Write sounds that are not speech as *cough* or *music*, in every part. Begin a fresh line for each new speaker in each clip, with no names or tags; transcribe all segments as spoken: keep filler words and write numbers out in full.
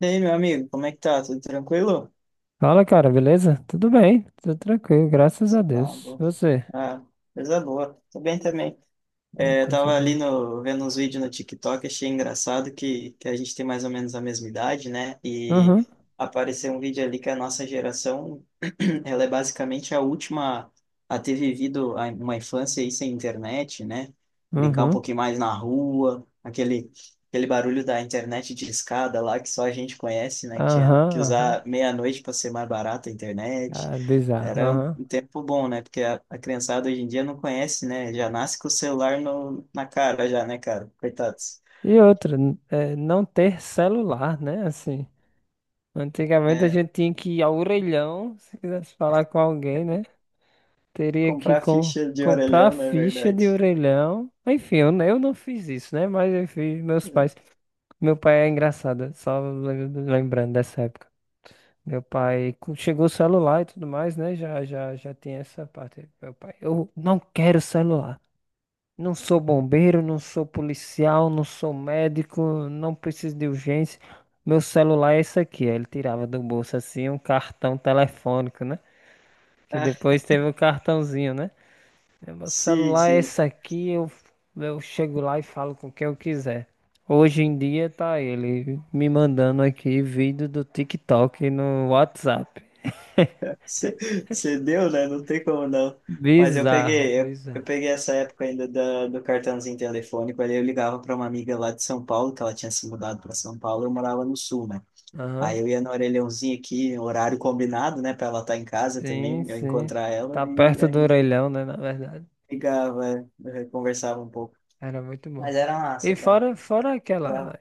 E aí, meu amigo, como é que tá? Tudo tranquilo?
Fala, cara, beleza? Tudo bem, tudo tranquilo, graças a
Não,
Deus.
boa.
Você?
Ah, coisa boa. Tô bem também.
Uma
É, eu
coisa
tava ali
boa.
no, vendo uns vídeos no TikTok, achei engraçado que, que a gente tem mais ou menos a mesma idade, né? E
Aham,
apareceu um vídeo ali que a nossa geração, *clears throat* ela é basicamente a última a ter vivido a- uma infância aí sem internet, né? Brincar um
aham,
pouquinho mais na rua, aquele, aquele barulho da internet de escada lá que só a gente conhece, né? Que tinha que
aham, aham.
usar meia-noite para ser mais barata a internet.
Ah, bizarro,
Era um
aham.
um tempo bom, né? Porque a, a criançada hoje em dia não conhece, né? Já nasce com o celular no, na cara, já, né, cara? Coitados.
E outra, n- é, não ter celular, né? Assim, antigamente a
É,
gente tinha que ir ao orelhão, se quisesse falar com alguém, né? Teria que
comprar
com,
ficha de
comprar
orelhão, não é
ficha de
verdade?
orelhão. Enfim, eu, eu não fiz isso, né? Mas eu fiz, meus pais.
É.
Meu pai é engraçado, só lem- lembrando dessa época. Meu pai co- chegou o celular e tudo mais, né? Já, já, já tem essa parte. Meu pai, eu não quero celular. Não sou bombeiro, não sou policial, não sou médico, não preciso de urgência. Meu celular é esse aqui. Aí ele tirava do bolso assim um cartão telefônico, né? Que
Ah,
depois teve o cartãozinho, né? É, meu
sim,
celular é
sim.
esse aqui, eu, eu chego lá e falo com quem eu quiser. Hoje em dia tá ele me mandando aqui vídeo do TikTok no WhatsApp.
Você você deu, né? Não tem como não. Mas eu
Bizarro,
peguei, eu, eu
bizarro.
peguei essa época ainda da, do cartãozinho telefônico. Aí eu ligava para uma amiga lá de São Paulo, que ela tinha se mudado para São Paulo, eu morava no Sul, né?
Aham.
Aí eu ia no orelhãozinho aqui, horário combinado, né? Para ela estar em casa
Sim,
também, eu
sim.
encontrar ela
Tá
e
perto
a
do
gente
orelhão, né? Na verdade.
ligava, é, é, conversava um pouco.
Era muito bom.
Mas era massa,
E
cara.
fora, fora aquela.
Jogava.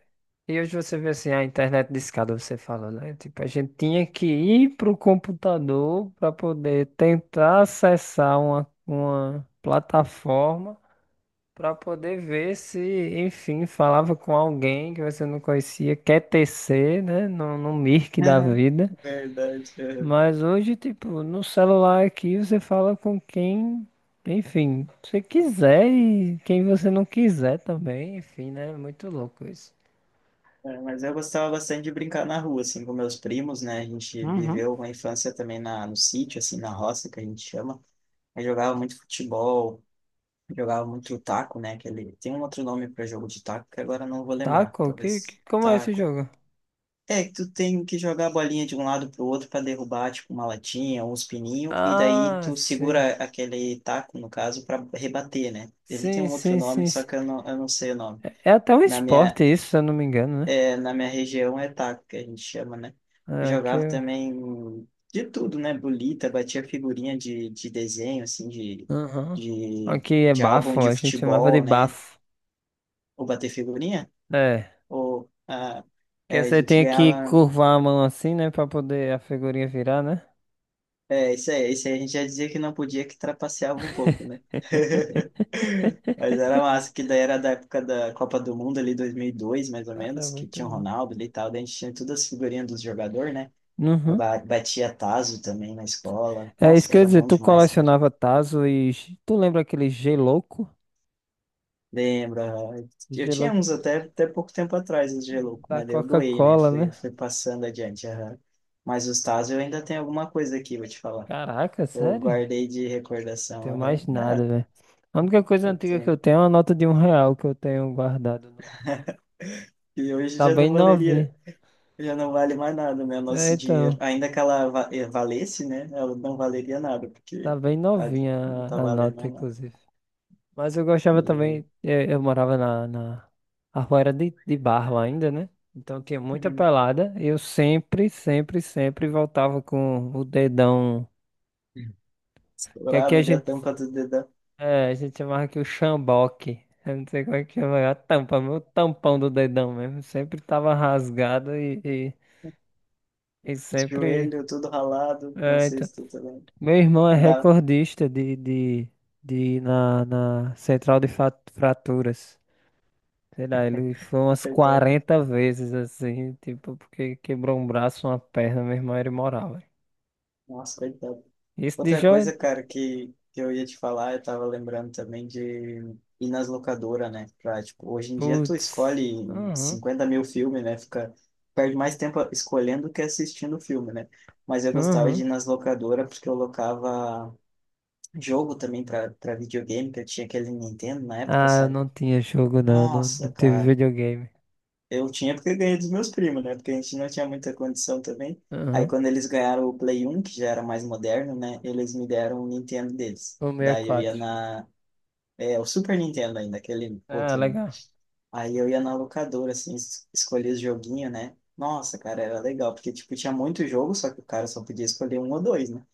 E hoje você vê assim, a internet discada, você fala, né? Tipo, a gente tinha que ir pro computador para poder tentar acessar uma, uma plataforma para poder ver se, enfim, falava com alguém que você não conhecia, Q T C, né? No, no Mirk da
*laughs*
vida.
Verdade, é.
Mas hoje, tipo, no celular aqui você fala com quem, enfim, você quiser e quem você não quiser também, enfim, né? Muito louco isso.
É, mas eu gostava bastante de brincar na rua, assim, com meus primos, né? A gente
Uhum.
viveu uma infância também na, no sítio, assim, na roça, que a gente chama. Aí jogava muito futebol, jogava muito taco, né? Aquele, tem um outro nome para jogo de taco que agora eu não vou lembrar.
Taco? Que,
Talvez
que- como é esse
taco.
jogo?
É que tu tem que jogar a bolinha de um lado pro outro para derrubar, tipo, uma latinha, uns pininhos, e daí
Ah,
tu
sim.
segura aquele taco, no caso, para rebater, né? Ele tem
Sim,
um outro
sim,
nome,
sim,
só
sim.
que eu não, eu não sei o nome.
É até um
Na minha,
esporte isso, se eu não me engano, né?
é, na minha região é taco, que a gente chama, né? Eu
É, aqui.
jogava
é-
também de tudo, né? Bolita, batia figurinha de, de desenho, assim, de,
Aham.
de,
Aqui é
de álbum
bafo,
de
a gente chamava de
futebol, né?
bafo.
Ou bater figurinha,
É,
ou... ah, é,
que
a
você
gente
tem que
ganhava.
curvar a mão assim, né, pra poder a figurinha virar, né?
É, isso aí, isso aí a gente já dizia que não podia, que trapaceava um pouco, né? *laughs* Mas era massa, que daí era da época da Copa do Mundo ali, dois mil e dois mais ou
Cara,
menos, que
muito
tinha o
bom.
Ronaldo ali e tal, daí a gente tinha todas as figurinhas dos jogadores, né?
Uhum.
Ba- Batia tazo também na escola.
É isso
Nossa,
que eu ia
era
dizer,
bom
tu
demais, cara.
colecionava Tazo. e. ge- Tu lembra aquele G-Louco?
Lembra? Eu tinha
G-Louco
uns até, até pouco tempo atrás, os Gelouco,
da
mas daí eu doei, né?
Coca-Cola,
Fui,
né?
fui passando adiante. Aham. Mas os tazos eu ainda tenho alguma coisa aqui, vou te falar.
Caraca,
Eu
sério? Não
guardei de recordação.
tenho
Aham.
mais nada,
Ah,
velho. A única coisa
eu
antiga que
tenho.
eu tenho é uma nota de um real que eu tenho guardado. no-
E hoje
Tá
já não
bem
valeria,
novinha.
já não vale mais nada, né? O
É,
nosso dinheiro.
então.
Ainda que ela va- eh, valesse, né? Ela não valeria nada,
Tá
porque
bem
tá-
novinha
não tá
a, a
valendo
nota,
mais nada.
inclusive. Mas eu gostava
E,
também. Eu, eu morava na, na. A rua era de, de barro ainda, né? Então tinha muita
uhum.
pelada. Eu sempre, sempre, sempre voltava com o dedão. Que aqui
Estourado
a
ali a
gente
tampa do dedão,
é, a gente chamava que o chamboque. Eu não sei como é que chama. A tampa, meu tampão do dedão mesmo. Sempre tava rasgado e, e, e
os
sempre.
joelhos tudo ralado, não
É,
sei
então.
se tu também.
Meu irmão é
Andar,
recordista de, de, de ir na, na central de fa- fraturas. Sei lá, ele foi umas
coitado.
quarenta vezes assim, tipo, porque quebrou um braço, uma perna, meu irmão era imoral, velho.
Nossa, coitado.
Isso de
Outra
jogo.
coisa, cara, que, que eu ia te falar, eu tava lembrando também de ir nas locadoras, né? Pra, tipo, hoje em dia tu
Putz.
escolhe
Uhum,
cinquenta mil filmes, né? Fica, perde mais tempo escolhendo que assistindo o filme, né? Mas eu gostava de
uhum.
ir nas locadoras porque eu locava jogo também pra, pra videogame, que eu tinha aquele Nintendo na época,
Ah, eu
sabe?
não tinha jogo não, não,
Nossa,
não teve
cara.
videogame.
Eu tinha porque eu ganhei dos meus primos, né? Porque a gente não tinha muita condição também. Aí quando eles ganharam o Play um, que já era mais moderno, né? Eles me deram o Nintendo deles.
O sessenta e
Daí eu ia
quatro
na... É, o Super Nintendo ainda, aquele
Ah,
outro.
legal.
Aí eu ia na locadora, assim, es- escolhia os joguinhos, né? Nossa, cara, era legal. Porque, tipo, tinha muito jogo, só que o cara só podia escolher um ou dois, né?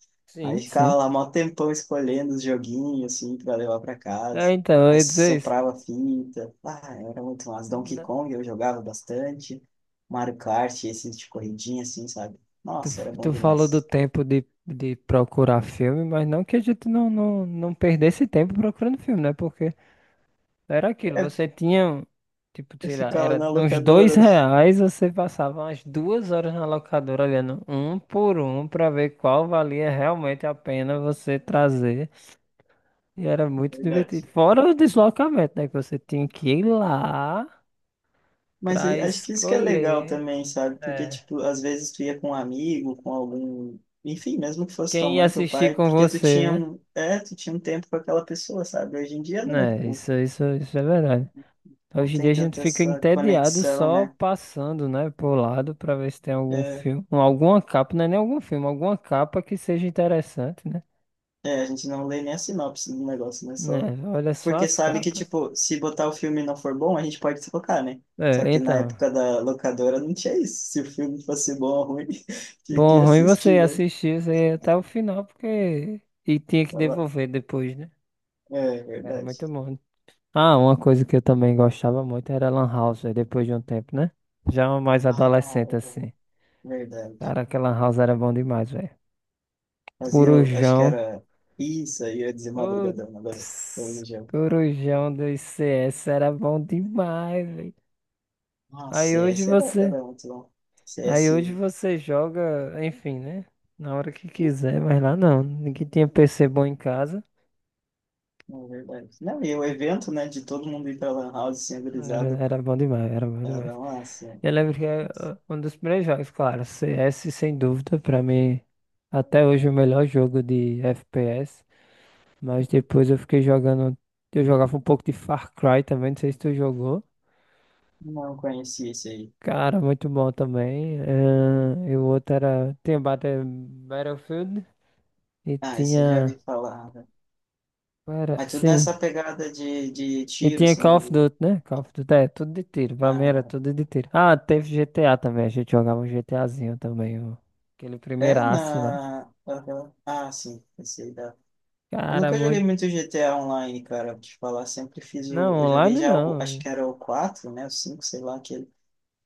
Aí
Sim, sim.
ficava lá mó tempão escolhendo os joguinhos, assim, pra levar pra
É,
casa.
então, eu
Aí
ia dizer isso.
soprava fita. Ah, era muito massa. Donkey
Na-
Kong eu jogava bastante. Mario Kart, esses de corridinha, assim, sabe?
Tu,
Nossa, era bom
tu falou do
demais.
tempo de, de procurar filme, mas não que a gente não, não, não perdesse tempo procurando filme, né? Porque era aquilo,
É,
você tinha, um, tipo,
eu
sei lá,
ficava
era
na
uns dois
locadora, né? *laughs*
reais, você passava umas duas horas na locadora olhando um por um pra ver qual valia realmente a pena você trazer. E era
na
muito divertido.
verdade.
Fora o deslocamento, né? Que você tinha que ir lá.
Mas
Pra
eh, acho que isso que é legal
escolher.
também, sabe? Porque,
É.
tipo, às vezes tu ia com um amigo, com algum... Enfim, mesmo que fosse tua
Quem ia
mãe, teu
assistir
pai,
com
porque tu
você,
tinha
né?
um... É, tu tinha um tempo com aquela pessoa, sabe? Hoje em dia, não,
Né,
tipo...
isso, isso, isso é verdade.
Não
Hoje em dia
tem
a gente
tanta
fica
essa
entediado
conexão,
só
né?
passando, né, por lado pra ver se tem algum
É,
filme, ou alguma capa, não é nem algum filme, alguma capa que seja interessante, né?
é, a gente não lê nem a sinopse do negócio, né? Só
Né, olha só
porque
as
sabe que,
capas.
tipo, se botar o filme e não for bom, a gente pode trocar, né? Só
É,
que na
então,
época da locadora não tinha isso. Se o filme fosse bom ou ruim, *laughs* tinha
bom,
que
ruim
assistir,
você
né?
assistir isso aí até o final, porque... E tinha que
Fala-
devolver depois, né?
é,
Era
verdade.
muito bom. Ah, uma coisa que eu também gostava muito era Lan House, véi, depois de um tempo, né? Já mais
Ah,
adolescente, assim.
é verdade.
Cara, aquela Lan House era bom demais, velho.
Mas eu acho que
Corujão.
era isso, aí eu ia dizer madrugadão agora.
Putz,
Religião.
Corujão do I C S era bom demais, velho.
Nossa,
Aí hoje
C S era,
você.
era muito bom.
Aí hoje
C S.
você joga, enfim, né? Na hora que quiser, mas lá não. Ninguém tinha P C bom em casa.
É verdade. Não, e o evento, né, de todo mundo ir pra Lan House sem
Era,
brisado,
era bom demais, era bom demais.
era massa.
Eu lembro que é
Nossa.
uh, um dos primeiros jogos, claro, C S sem dúvida, pra mim, até hoje o melhor jogo de F P S, mas
Uhum.
depois eu fiquei jogando, eu jogava um pouco de Far Cry também, não sei se tu jogou.
Não conheci esse aí.
Cara, muito bom também. eh, e o outro era, tinha Battle- Battlefield e
Ah, esse eu já vi
tinha,
falar, né?
qual era,
Mas tudo
sim,
nessa pegada de, de
e
tiro,
tinha
assim,
Call of
de...
Duty, né? Call of Duty, é, tudo de tiro. Pra mim era
Ah,
tudo de tiro. Ah, teve G T A também. A gente jogava um GTAzinho também. o- Aquele
é
primeiraço lá.
na... aham. Ah, sim, esse aí dá. Eu
Cara,
nunca joguei
muito.
muito G T A Online, cara, pra te falar. Sempre fiz
Não,
o... Eu joguei
online
já o...
não.
Acho
É.
que era o quatro né, o cinco sei lá, aquele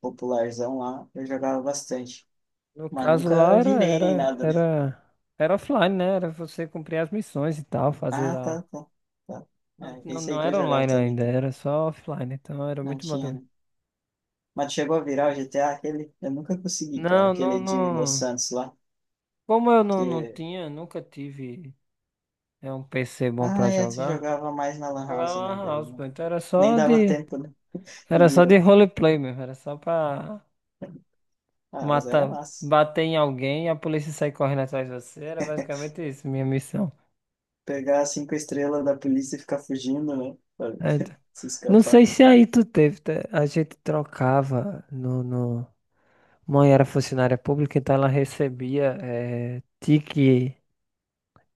popularzão lá. Eu jogava bastante.
No
Mas
caso lá
nunca
era,
virei nem
era,
nada, né?
era, era offline, né? Era você cumprir as missões e tal, fazer
Ah, tá,
lá.
tá, tá.
Não,
É,
não,
esse aí
não
que eu
era
jogava
online
também,
ainda,
tá?
era só offline. Então era
Não
muito bom
tinha,
também.
né? Mas chegou a virar o G T A, aquele... Eu nunca consegui, cara,
Não, não,
aquele de Los
não.
Santos lá,
Como eu não, não
que...
tinha, nunca tive é um P C bom
Ah,
pra
é, tu
jogar.
jogava mais na Lan
Jogava
House,
na
né?
Lan
Daí
House, pô.
não...
Então era
nem
só
dava
de.
tempo, né, de
Era só
virar.
de roleplay mesmo, era só pra
Ah, mas era
matar,
massa.
bater em alguém e a polícia sair correndo atrás de você. Era basicamente isso, minha missão.
Pegar as cinco estrelas da polícia e ficar fugindo, né? Pra
É, então.
se
Não
escapar.
sei se aí tu teve, tá? A gente trocava no, no... Mãe era funcionária pública, então ela recebia é, tique,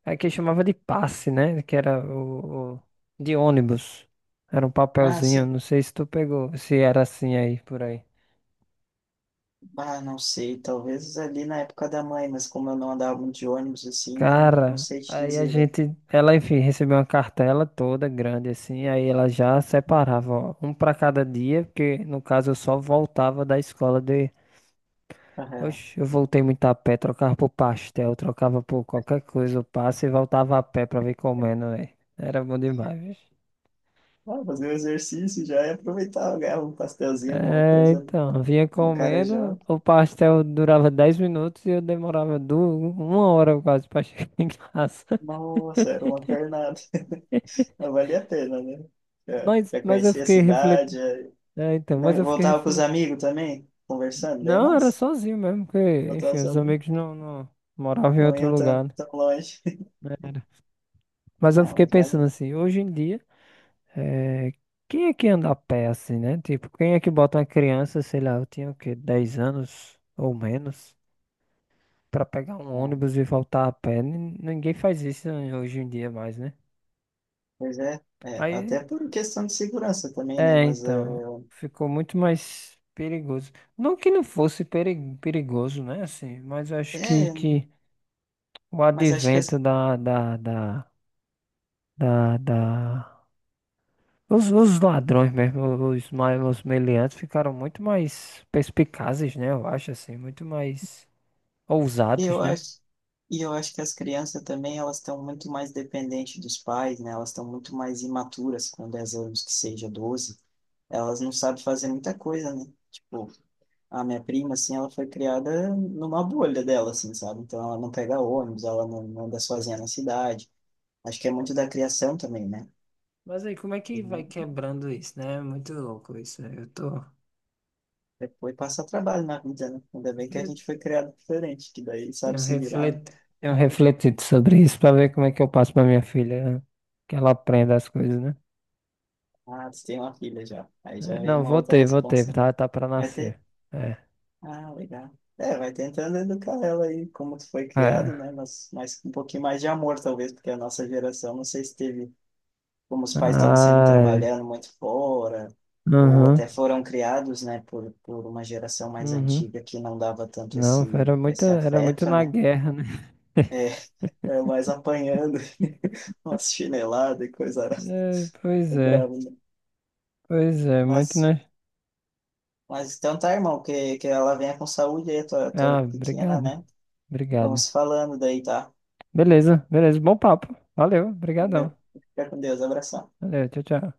aqui chamava de passe, né? Que era o, o- de ônibus. Era um
Ah,
papelzinho,
sim.
não sei se tu pegou, se era assim aí por aí.
Ah, não sei, talvez ali na época da mãe, mas como eu não andava muito de ônibus, assim, não, não
Cara,
sei te
aí a
dizer, velho.
gente, ela, enfim, recebeu uma cartela toda grande assim, aí ela já separava, ó, um pra cada dia, porque no caso eu só voltava da escola de,
Aham.
oxe, eu voltei muito a pé, trocava por pastel, trocava por qualquer coisa, eu passo e voltava a pé pra vir comendo, velho. Era bom demais, bicho.
Ah, fazer um exercício já e aproveitar, ganhar um pastelzinho, alguma
É,
coisa, né?
então, vinha
Ah, o cara já,
comendo, o pastel durava dez minutos e eu demorava duas, uma hora quase pra *laughs* chegar em casa. *laughs*
nossa, era uma pernada. Mas valia a pena, né? Já,
Mas,
já
mas eu
conhecia a
fiquei
cidade,
refletindo.
já-
É, então, mas
não,
eu fiquei.
voltava com os amigos também, conversando, daí é
Não, era
massa.
sozinho mesmo, porque, enfim,
Voltava
os
sozinho,
amigos não, não moravam em
não
outro
iam tão,
lugar, né?
tão longe. *laughs*
Era. Mas eu
Ah,
fiquei
mas
pensando
vale.
assim, hoje em dia, eh, quem é que anda a pé assim, né? Tipo, quem é que bota uma criança, sei lá, eu tinha o quê, dez anos ou menos, pra pegar um
Ah,
ônibus e voltar a pé? Nin- Ninguém faz isso hoje em dia mais, né?
pois é. É,
Aí,
até por questão de segurança também, né?
é,
Mas, eh,
então, ficou muito mais perigoso. Não que não fosse peri- perigoso, né? Assim, mas eu acho que,
é,
que o
mas acho que
advento
as...
da, da, da da, da... Os, os ladrões mesmo, os, ma- os meliantes ficaram muito mais perspicazes, né? Eu acho assim, muito mais
E eu
ousados, né?
acho, e eu acho que as crianças também, elas estão muito mais dependentes dos pais, né? Elas estão muito mais imaturas com dez anos, que seja doze. Elas não sabem fazer muita coisa, né? Tipo, a minha prima, assim, ela foi criada numa bolha dela, assim, sabe? Então ela não pega ônibus, ela não não anda sozinha na cidade. Acho que é muito da criação também, né?
Mas aí, como é
E
que vai
não-
quebrando isso, né? É muito louco isso, né? Eu tô...
depois passa trabalho na vida, né? Ainda bem que a
Eu
gente foi criado diferente, que daí
tenho
sabe se virar, né?
reflet... tenho refletido sobre isso pra ver como é que eu passo pra minha filha que ela aprenda as coisas, né?
Ah, você tem uma filha já. Aí
É,
já vem
não,
uma outra
voltei, voltei,
responsa.
tá, tá, pra
Vai ter.
nascer. É,
Ah, legal. É, vai tentando educar ela aí como tu foi
é.
criado, né? Mas, mas com um pouquinho mais de amor, talvez, porque a nossa geração, não sei se teve, como os pais estavam sempre
Ai,
trabalhando muito fora, ou
uhum,
até foram criados, né, por, por uma geração mais
uhum.
antiga que não dava tanto
Não,
esse,
era muito,
esse
era muito
afeto,
na
né?
guerra, né?
É,
*laughs*
*laughs* é mais apanhando, *laughs* umas chineladas e coisa *laughs* arada.
É, pois
É
é,
bravo, né?
pois é, muito,
Mas,
né?
mas então tá, irmão, que, que ela venha com saúde aí, tua, tua
Ah,
pequena,
obrigado,
né?
obrigado.
Vamos falando daí, tá?
Beleza, beleza, bom papo. Valeu,
Valeu.
obrigadão.
Fica com Deus. Abração.
Valeu, tchau, tchau.